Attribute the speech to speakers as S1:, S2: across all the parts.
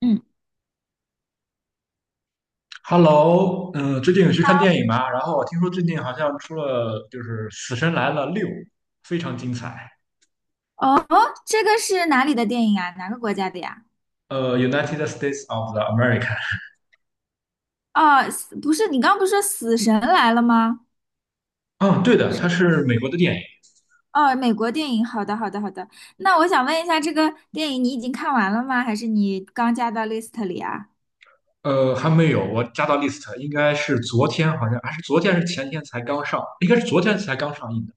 S1: 嗯，
S2: Hello，最近有去看电影吗？然后我听说最近好像出了就是《死神来了六》，非常精彩。
S1: 哦，这个是哪里的电影啊？哪个国家的呀？
S2: 《United States of the America》。
S1: 哦，死不是，你刚不是说《死神来了》吗？
S2: 嗯，对的，它是美国的电影。
S1: 哦，美国电影。好的，好的，好的。那我想问一下，这个电影你已经看完了吗？还是你刚加到 list 里啊？
S2: 还没有，我加到 list，应该是昨天，好像还是昨天还是前天才刚上，应该是昨天才刚上映的。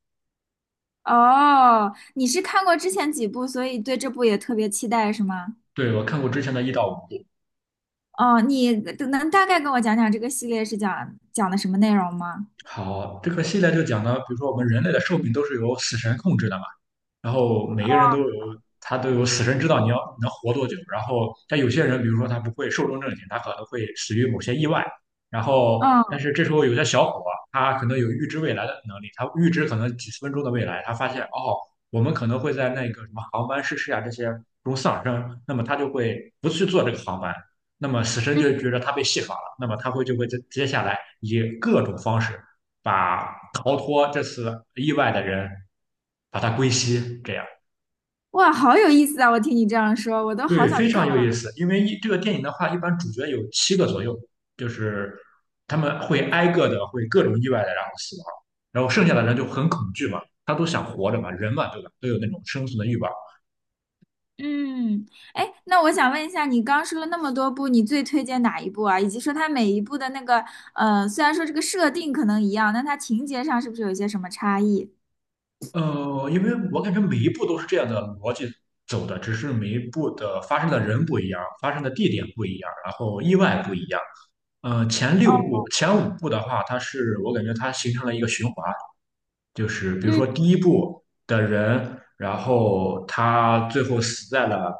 S1: 哦，你是看过之前几部，所以对这部也特别期待，是吗？
S2: 对，我看过之前的一到五部。
S1: 哦，你能大概跟我讲讲这个系列是讲的什么内容吗？
S2: 好，这个系列就讲呢，比如说我们人类的寿命都是由死神控制的嘛。然后每个人都有死神知道你要能活多久。然后，但有些人，比如说他不会寿终正寝，他可能会死于某些意外。然后，但
S1: 嗯
S2: 是这时候有些小伙，他可能有预知未来的能力，他预知可能几十分钟的未来，他发现哦，我们可能会在那个什么航班失事啊这些中丧生，那么他就会不去坐这个航班。那么死神
S1: 嗯，
S2: 就觉得他被戏耍了，那么他就会接下来以各种方式把逃脱这次意外的人。把它归西，这样
S1: 哇，好有意思啊！我听你这样说，我都好
S2: 对，
S1: 想
S2: 非
S1: 去看。
S2: 常有意思。因为这个电影的话，一般主角有七个左右，就是他们会挨个的会各种意外的然后死亡，然后剩下的人就很恐惧嘛，他都想活着嘛，人嘛对吧，都有那种生存的欲望。
S1: 嗯，哎，那我想问一下，你刚说了那么多部，你最推荐哪一部啊？以及说它每一部的那个，虽然说这个设定可能一样，但它情节上是不是有一些什么差异？
S2: 因为我感觉每一步都是这样的逻辑走的，只是每一步的发生的人不一样，发生的地点不一样，然后意外不一样。前六
S1: 哦，
S2: 部、前五部的话，它是我感觉它形成了一个循环，就是比如
S1: 嗯，
S2: 说第一部的人，然后他最后死在了，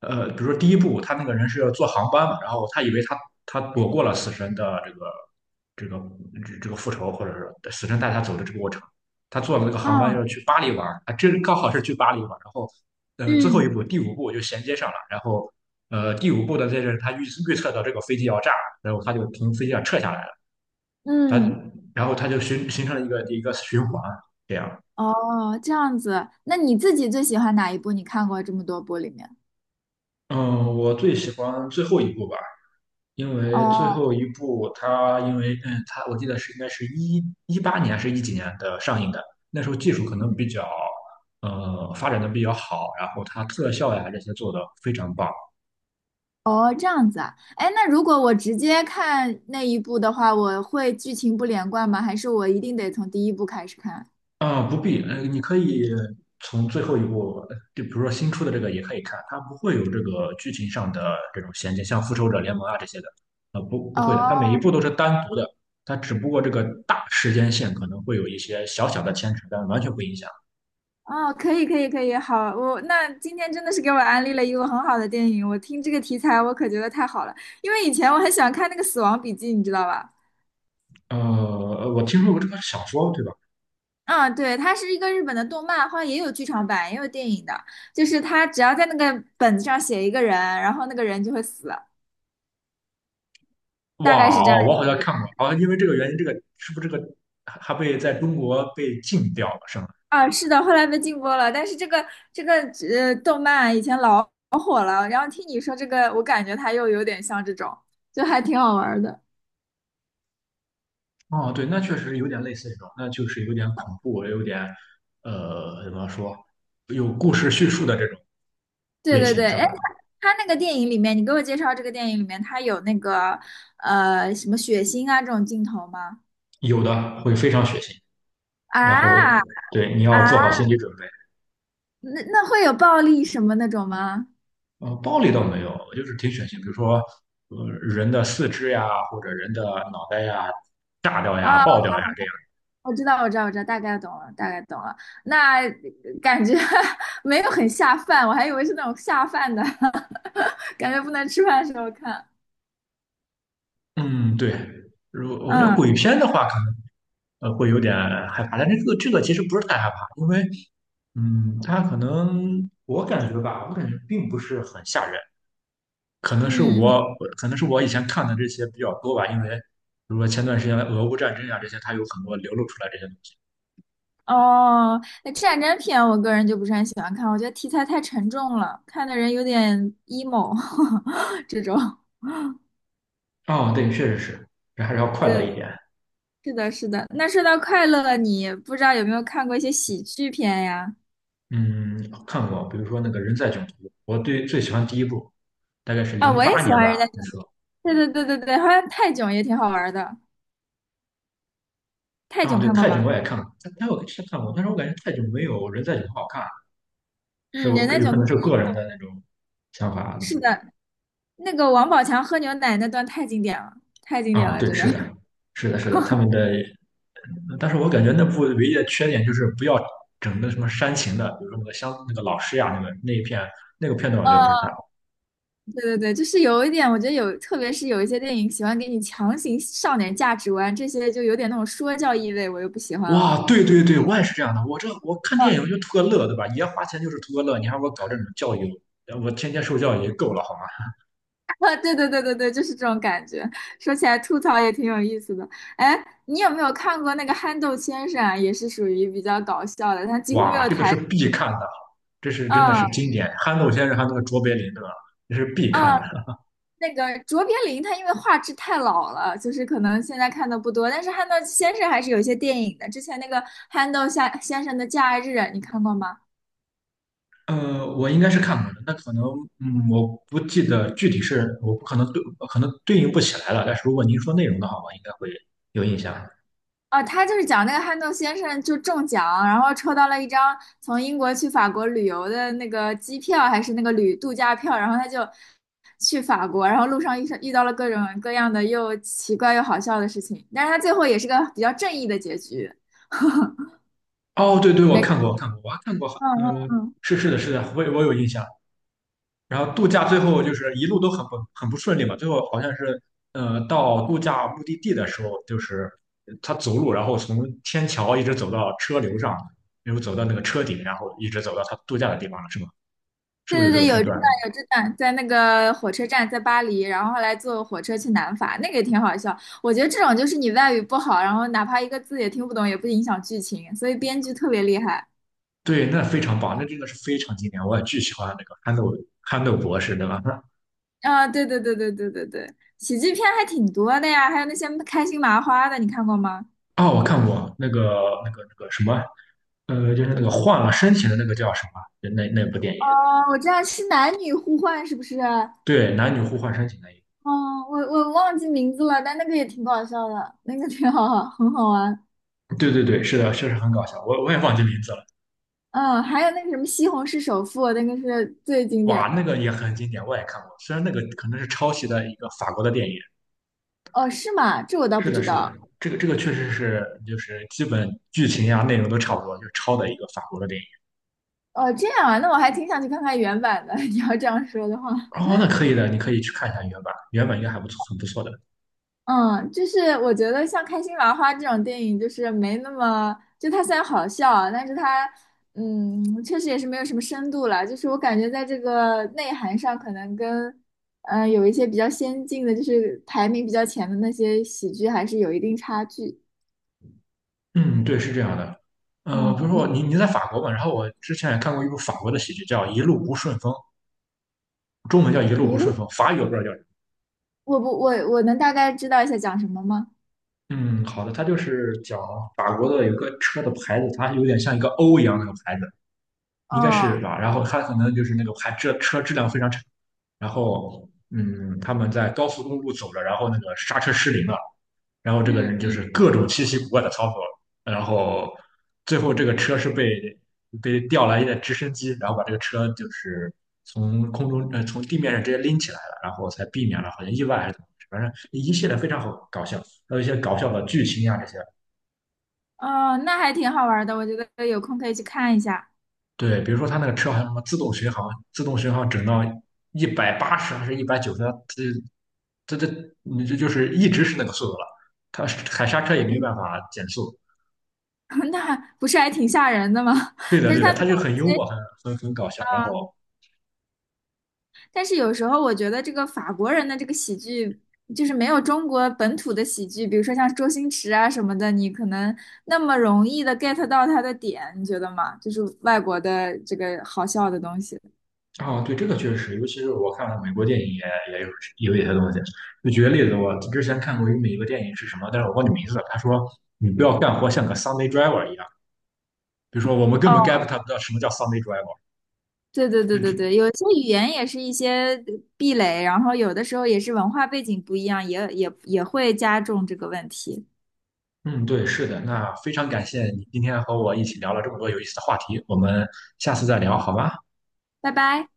S2: 比如说第一部他那个人是要坐航班嘛，然后他以为他躲过了死神的这个这个复仇，或者是死神带他走的这个过程，他坐了那个航班
S1: 哦，
S2: 要去巴黎玩，啊，这刚好是去巴黎玩，然后最后一
S1: 嗯
S2: 步第五步就衔接上了，然后第五部的这阵他预测到这个飞机要炸，然后他就从飞机上撤下来了，他
S1: 嗯，
S2: 然后他就形成了一个循环。这样，
S1: 哦，这样子，那你自己最喜欢哪一部？你看过这么多部里面？
S2: 嗯，我最喜欢最后一部吧，因为最
S1: 哦，
S2: 后一部它因为它我记得是应该是一八年还是一几年的上映的，那时候技术可能
S1: 嗯
S2: 比较发展的比较好，然后它特效呀这些做的非常棒。
S1: 哦，这样子啊，哎，那如果我直接看那一部的话，我会剧情不连贯吗？还是我一定得从第一部开始看？
S2: 啊，不必，你可以从最后一部，就比如说新出的这个也可以看，它不会有这个剧情上的这种衔接，像《复仇者联盟》啊这些的，不会的，它每
S1: 哦
S2: 一步都是单独的，它只不过这个大时间线可能会有一些小小的牵扯，但完全不影响。
S1: 哦，可以可以可以，好，我那今天真的是给我安利了一个很好的电影，我听这个题材我可觉得太好了，因为以前我很喜欢看那个《死亡笔记》，你知道吧？
S2: 我听说过这个小说，对吧？
S1: 嗯，对，它是一个日本的动漫，好像也有剧场版，也有电影的，就是它只要在那个本子上写一个人，然后那个人就会死，大概
S2: 哇
S1: 是这样
S2: 哦，我好
S1: 一个。
S2: 像看过，啊，因为这个原因，这个是不是这个还被在中国被禁掉了，是吗？
S1: 啊，是的，后来被禁播了，但是这个动漫以前老火了，然后听你说这个，我感觉它又有点像这种，就还挺好玩的。
S2: 哦，对，那确实有点类似这种，那就是有点恐怖，有点怎么说，有故事叙述的这种
S1: 对
S2: 类
S1: 对对，
S2: 型，是吧？
S1: 哎，他那个电影里面，你给我介绍这个电影里面，他有那个什么血腥啊这种镜头吗？
S2: 有的会非常血腥，然后
S1: 啊
S2: 对你要做
S1: 啊，
S2: 好心理准备。
S1: 那那会有暴力什么那种吗？
S2: 暴力倒没有，就是挺血腥，比如说人的四肢呀，或者人的脑袋呀，炸掉呀、
S1: 啊，
S2: 爆掉呀这样。
S1: 我知道，我知道，我知道，大概懂了，大概懂了。那感觉 没有很下饭，我还以为是那种下饭的，感觉不能吃饭的时候看。
S2: 嗯，对。如我觉得鬼
S1: 嗯
S2: 片的话，可能。会有点害怕。但这个其实不是太害怕，因为嗯，它可能我感觉吧，我感觉并不是很吓人，可能是
S1: 嗯嗯
S2: 我以前看的这些比较多吧，因为比如说前段时间的俄乌战争呀、这些，它有很多流露出来这些东西。
S1: 哦，那战争片我个人就不是很喜欢看，我觉得题材太沉重了，看的人有点 emo 这种。
S2: 哦，对，确实是，人还是要快乐一
S1: 对，
S2: 点。
S1: 是的，是的。那说到快乐，你不知道有没有看过一些喜剧片呀？
S2: 嗯，看过，比如说那个《人在囧途》，我对最喜欢第一部，大概是
S1: 啊、
S2: 零
S1: 我也
S2: 八
S1: 喜
S2: 年
S1: 欢
S2: 吧，
S1: 人家
S2: 那
S1: 囧。
S2: 时候。
S1: 对对对对对，好像泰囧也挺好玩的。泰
S2: 哦，
S1: 囧
S2: 对，
S1: 看过
S2: 《泰囧》
S1: 吗？
S2: 我也看过，但我之前看过，但是我感觉《泰囧》没有《人在囧途》好看。是
S1: 嗯，
S2: 我
S1: 人家
S2: 有
S1: 囧
S2: 可能
S1: 都
S2: 是个人的那种想法
S1: 是的，那个王宝强喝牛奶那段太经典了，太经典
S2: 啊，
S1: 了，
S2: 对，
S1: 真的。
S2: 是的，是的，是的，他们的，但是我感觉那部唯一的缺点就是不要整的什么煽情的，比如说那个乡那个老师呀，那个那一片那个片段，我觉得不是太 好。
S1: 对对对，就是有一点，我觉得有，特别是有一些电影喜欢给你强行上点价值观，这些就有点那种说教意味，我又不喜欢
S2: 哇，
S1: 了。
S2: 对对对，我也是这样的，我看电影我就图个乐，对吧？爷花钱就是图个乐，你还给我搞这种教育，我天天受教育也够了好吗？
S1: 啊，对对对对对，就是这种感觉。说起来吐槽也挺有意思的。哎，你有没有看过那个憨豆先生啊？也是属于比较搞笑的，他几乎没
S2: 哇，
S1: 有
S2: 这个是
S1: 台。
S2: 必看的，这是真的
S1: 嗯
S2: 是经典，憨豆先生还有那个卓别林，对吧？这是必
S1: 嗯，
S2: 看的。
S1: 那个卓别林他因为画质太老了，就是可能现在看的不多，但是憨豆先生还是有一些电影的。之前那个憨豆先生的《假日》啊，你看过吗？
S2: 我应该是看过的，那可能，嗯，我不记得具体是，我不可能对，可能对应不起来了。但是如果您说内容的话，我应该会有印象。
S1: 啊，他就是讲那个憨豆先生就中奖，然后抽到了一张从英国去法国旅游的那个机票，还是那个旅度假票，然后他就去法国，然后路上遇到了各种各样的又奇怪又好笑的事情，但是他最后也是个比较正义的结局。
S2: 哦，对对，我
S1: 没，
S2: 看过，我看过，我还看过，
S1: 嗯嗯
S2: 嗯，
S1: 嗯，
S2: 是是的，是的，我有印象。然后度假最后就是一路都很不顺利嘛，最后好像是，到度假目的地的时候，就是他走路，然后从天桥一直走到车流上，然后走到那个车顶，然后一直走到他度假的地方了，是吗？是
S1: 对
S2: 不是
S1: 对
S2: 有这个
S1: 对，有
S2: 片
S1: 这
S2: 段？
S1: 段有这段，在那个火车站，在巴黎，然后后来坐火车去南法，那个也挺好笑。我觉得这种就是你外语不好，然后哪怕一个字也听不懂，也不影响剧情，所以编剧特别厉害。
S2: 对，那非常棒，那真的是非常经典，我也巨喜欢那个憨豆博士，对吧？那
S1: 啊，对对对对对对对，喜剧片还挺多的呀，还有那些开心麻花的，你看过吗？
S2: 啊，我看过那个什么，就是那个换了身体的那个叫什么？那部电影，
S1: 哦，我知道是男女互换，是不是？哦，
S2: 对，男女互换身体那一
S1: 我忘记名字了，但那个也挺搞笑的，那个挺好，很好玩。
S2: 部，对对对，是的，确实很搞笑，我也忘记名字了，
S1: 嗯，还有那个什么《西红柿首富》，那个是最经
S2: 哇，
S1: 典
S2: 那
S1: 的。
S2: 个也很经典，我也看过，虽然那个可能是抄袭的一个法国的电影，
S1: 哦，是吗？这我倒
S2: 是
S1: 不
S2: 的，
S1: 知
S2: 是的，
S1: 道。
S2: 这个确实是就是基本剧情呀、内容都差不多，就是抄的一个法国的电影。
S1: 哦，这样啊，那我还挺想去看看原版的。你要这样说的话，
S2: 哦，那可以的，你可以去看一下原版，原版应该还不错，很不错的。
S1: 嗯，就是我觉得像《开心麻花》这种电影，就是没那么，就它虽然好笑，但是它，嗯，确实也是没有什么深度了。就是我感觉在这个内涵上，可能跟，有一些比较先进的，就是排名比较前的那些喜剧，还是有一定差距。
S2: 嗯，对，是这样的。比如
S1: 嗯，
S2: 说
S1: 你
S2: 你在法国嘛，然后我之前也看过一部法国的喜剧叫《一路不顺风》，中文叫《一路不
S1: 一
S2: 顺
S1: 路，
S2: 风》，法语我不知道叫什么。
S1: 我不，我能大概知道一下讲什么吗？
S2: 嗯，好的，它就是讲法国的有个车的牌子，它有点像一个 O 一样那个牌子，应该是
S1: 哦，
S2: 吧？然后它可能就是那个牌这车质量非常差，然后嗯，他们在高速公路走着，然后那个刹车失灵了，然后这个人就
S1: 嗯，
S2: 是各种稀奇古怪的操作，然后最后这个车是被调来一的直升机，然后把这个车就是从空中从地面上直接拎起来了，然后才避免了好像意外还是怎么回事，反正一系列非常好搞笑，还有一些搞笑的剧情呀这些。
S1: 哦，那还挺好玩的，我觉得有空可以去看一下。
S2: 对，比如说他那个车还有什么自动巡航，自动巡航整到180还是190，这这这你这就是一直是那个速度了，他踩刹车也没办法减速。
S1: 那不是还挺吓人的吗？
S2: 对 的，
S1: 但
S2: 对
S1: 是
S2: 的，
S1: 他
S2: 他
S1: 们。
S2: 就很幽默，很搞笑。然后
S1: 但是有时候我觉得这个法国人的这个喜剧，就是没有中国本土的喜剧，比如说像周星驰啊什么的，你可能那么容易的 get 到他的点，你觉得吗？就是外国的这个好笑的东西。
S2: 啊，对，这个确实尤其是我看了美国电影也有一些东西。就举个例子，我之前看过一个美国电影是什么，但是我忘记名字了。他说你不要干活像个 Sunday driver 一样，比如说我们根
S1: 哦，
S2: 本 get 他不到什么叫 Sunday driver。
S1: 对对对
S2: 这
S1: 对
S2: 只
S1: 对，有些语言也是一些壁垒，然后有的时候也是文化背景不一样，也会加重这个问题。
S2: 嗯，对，是的。那非常感谢你今天和我一起聊了这么多有意思的话题，我们下次再聊好吗？
S1: 拜拜。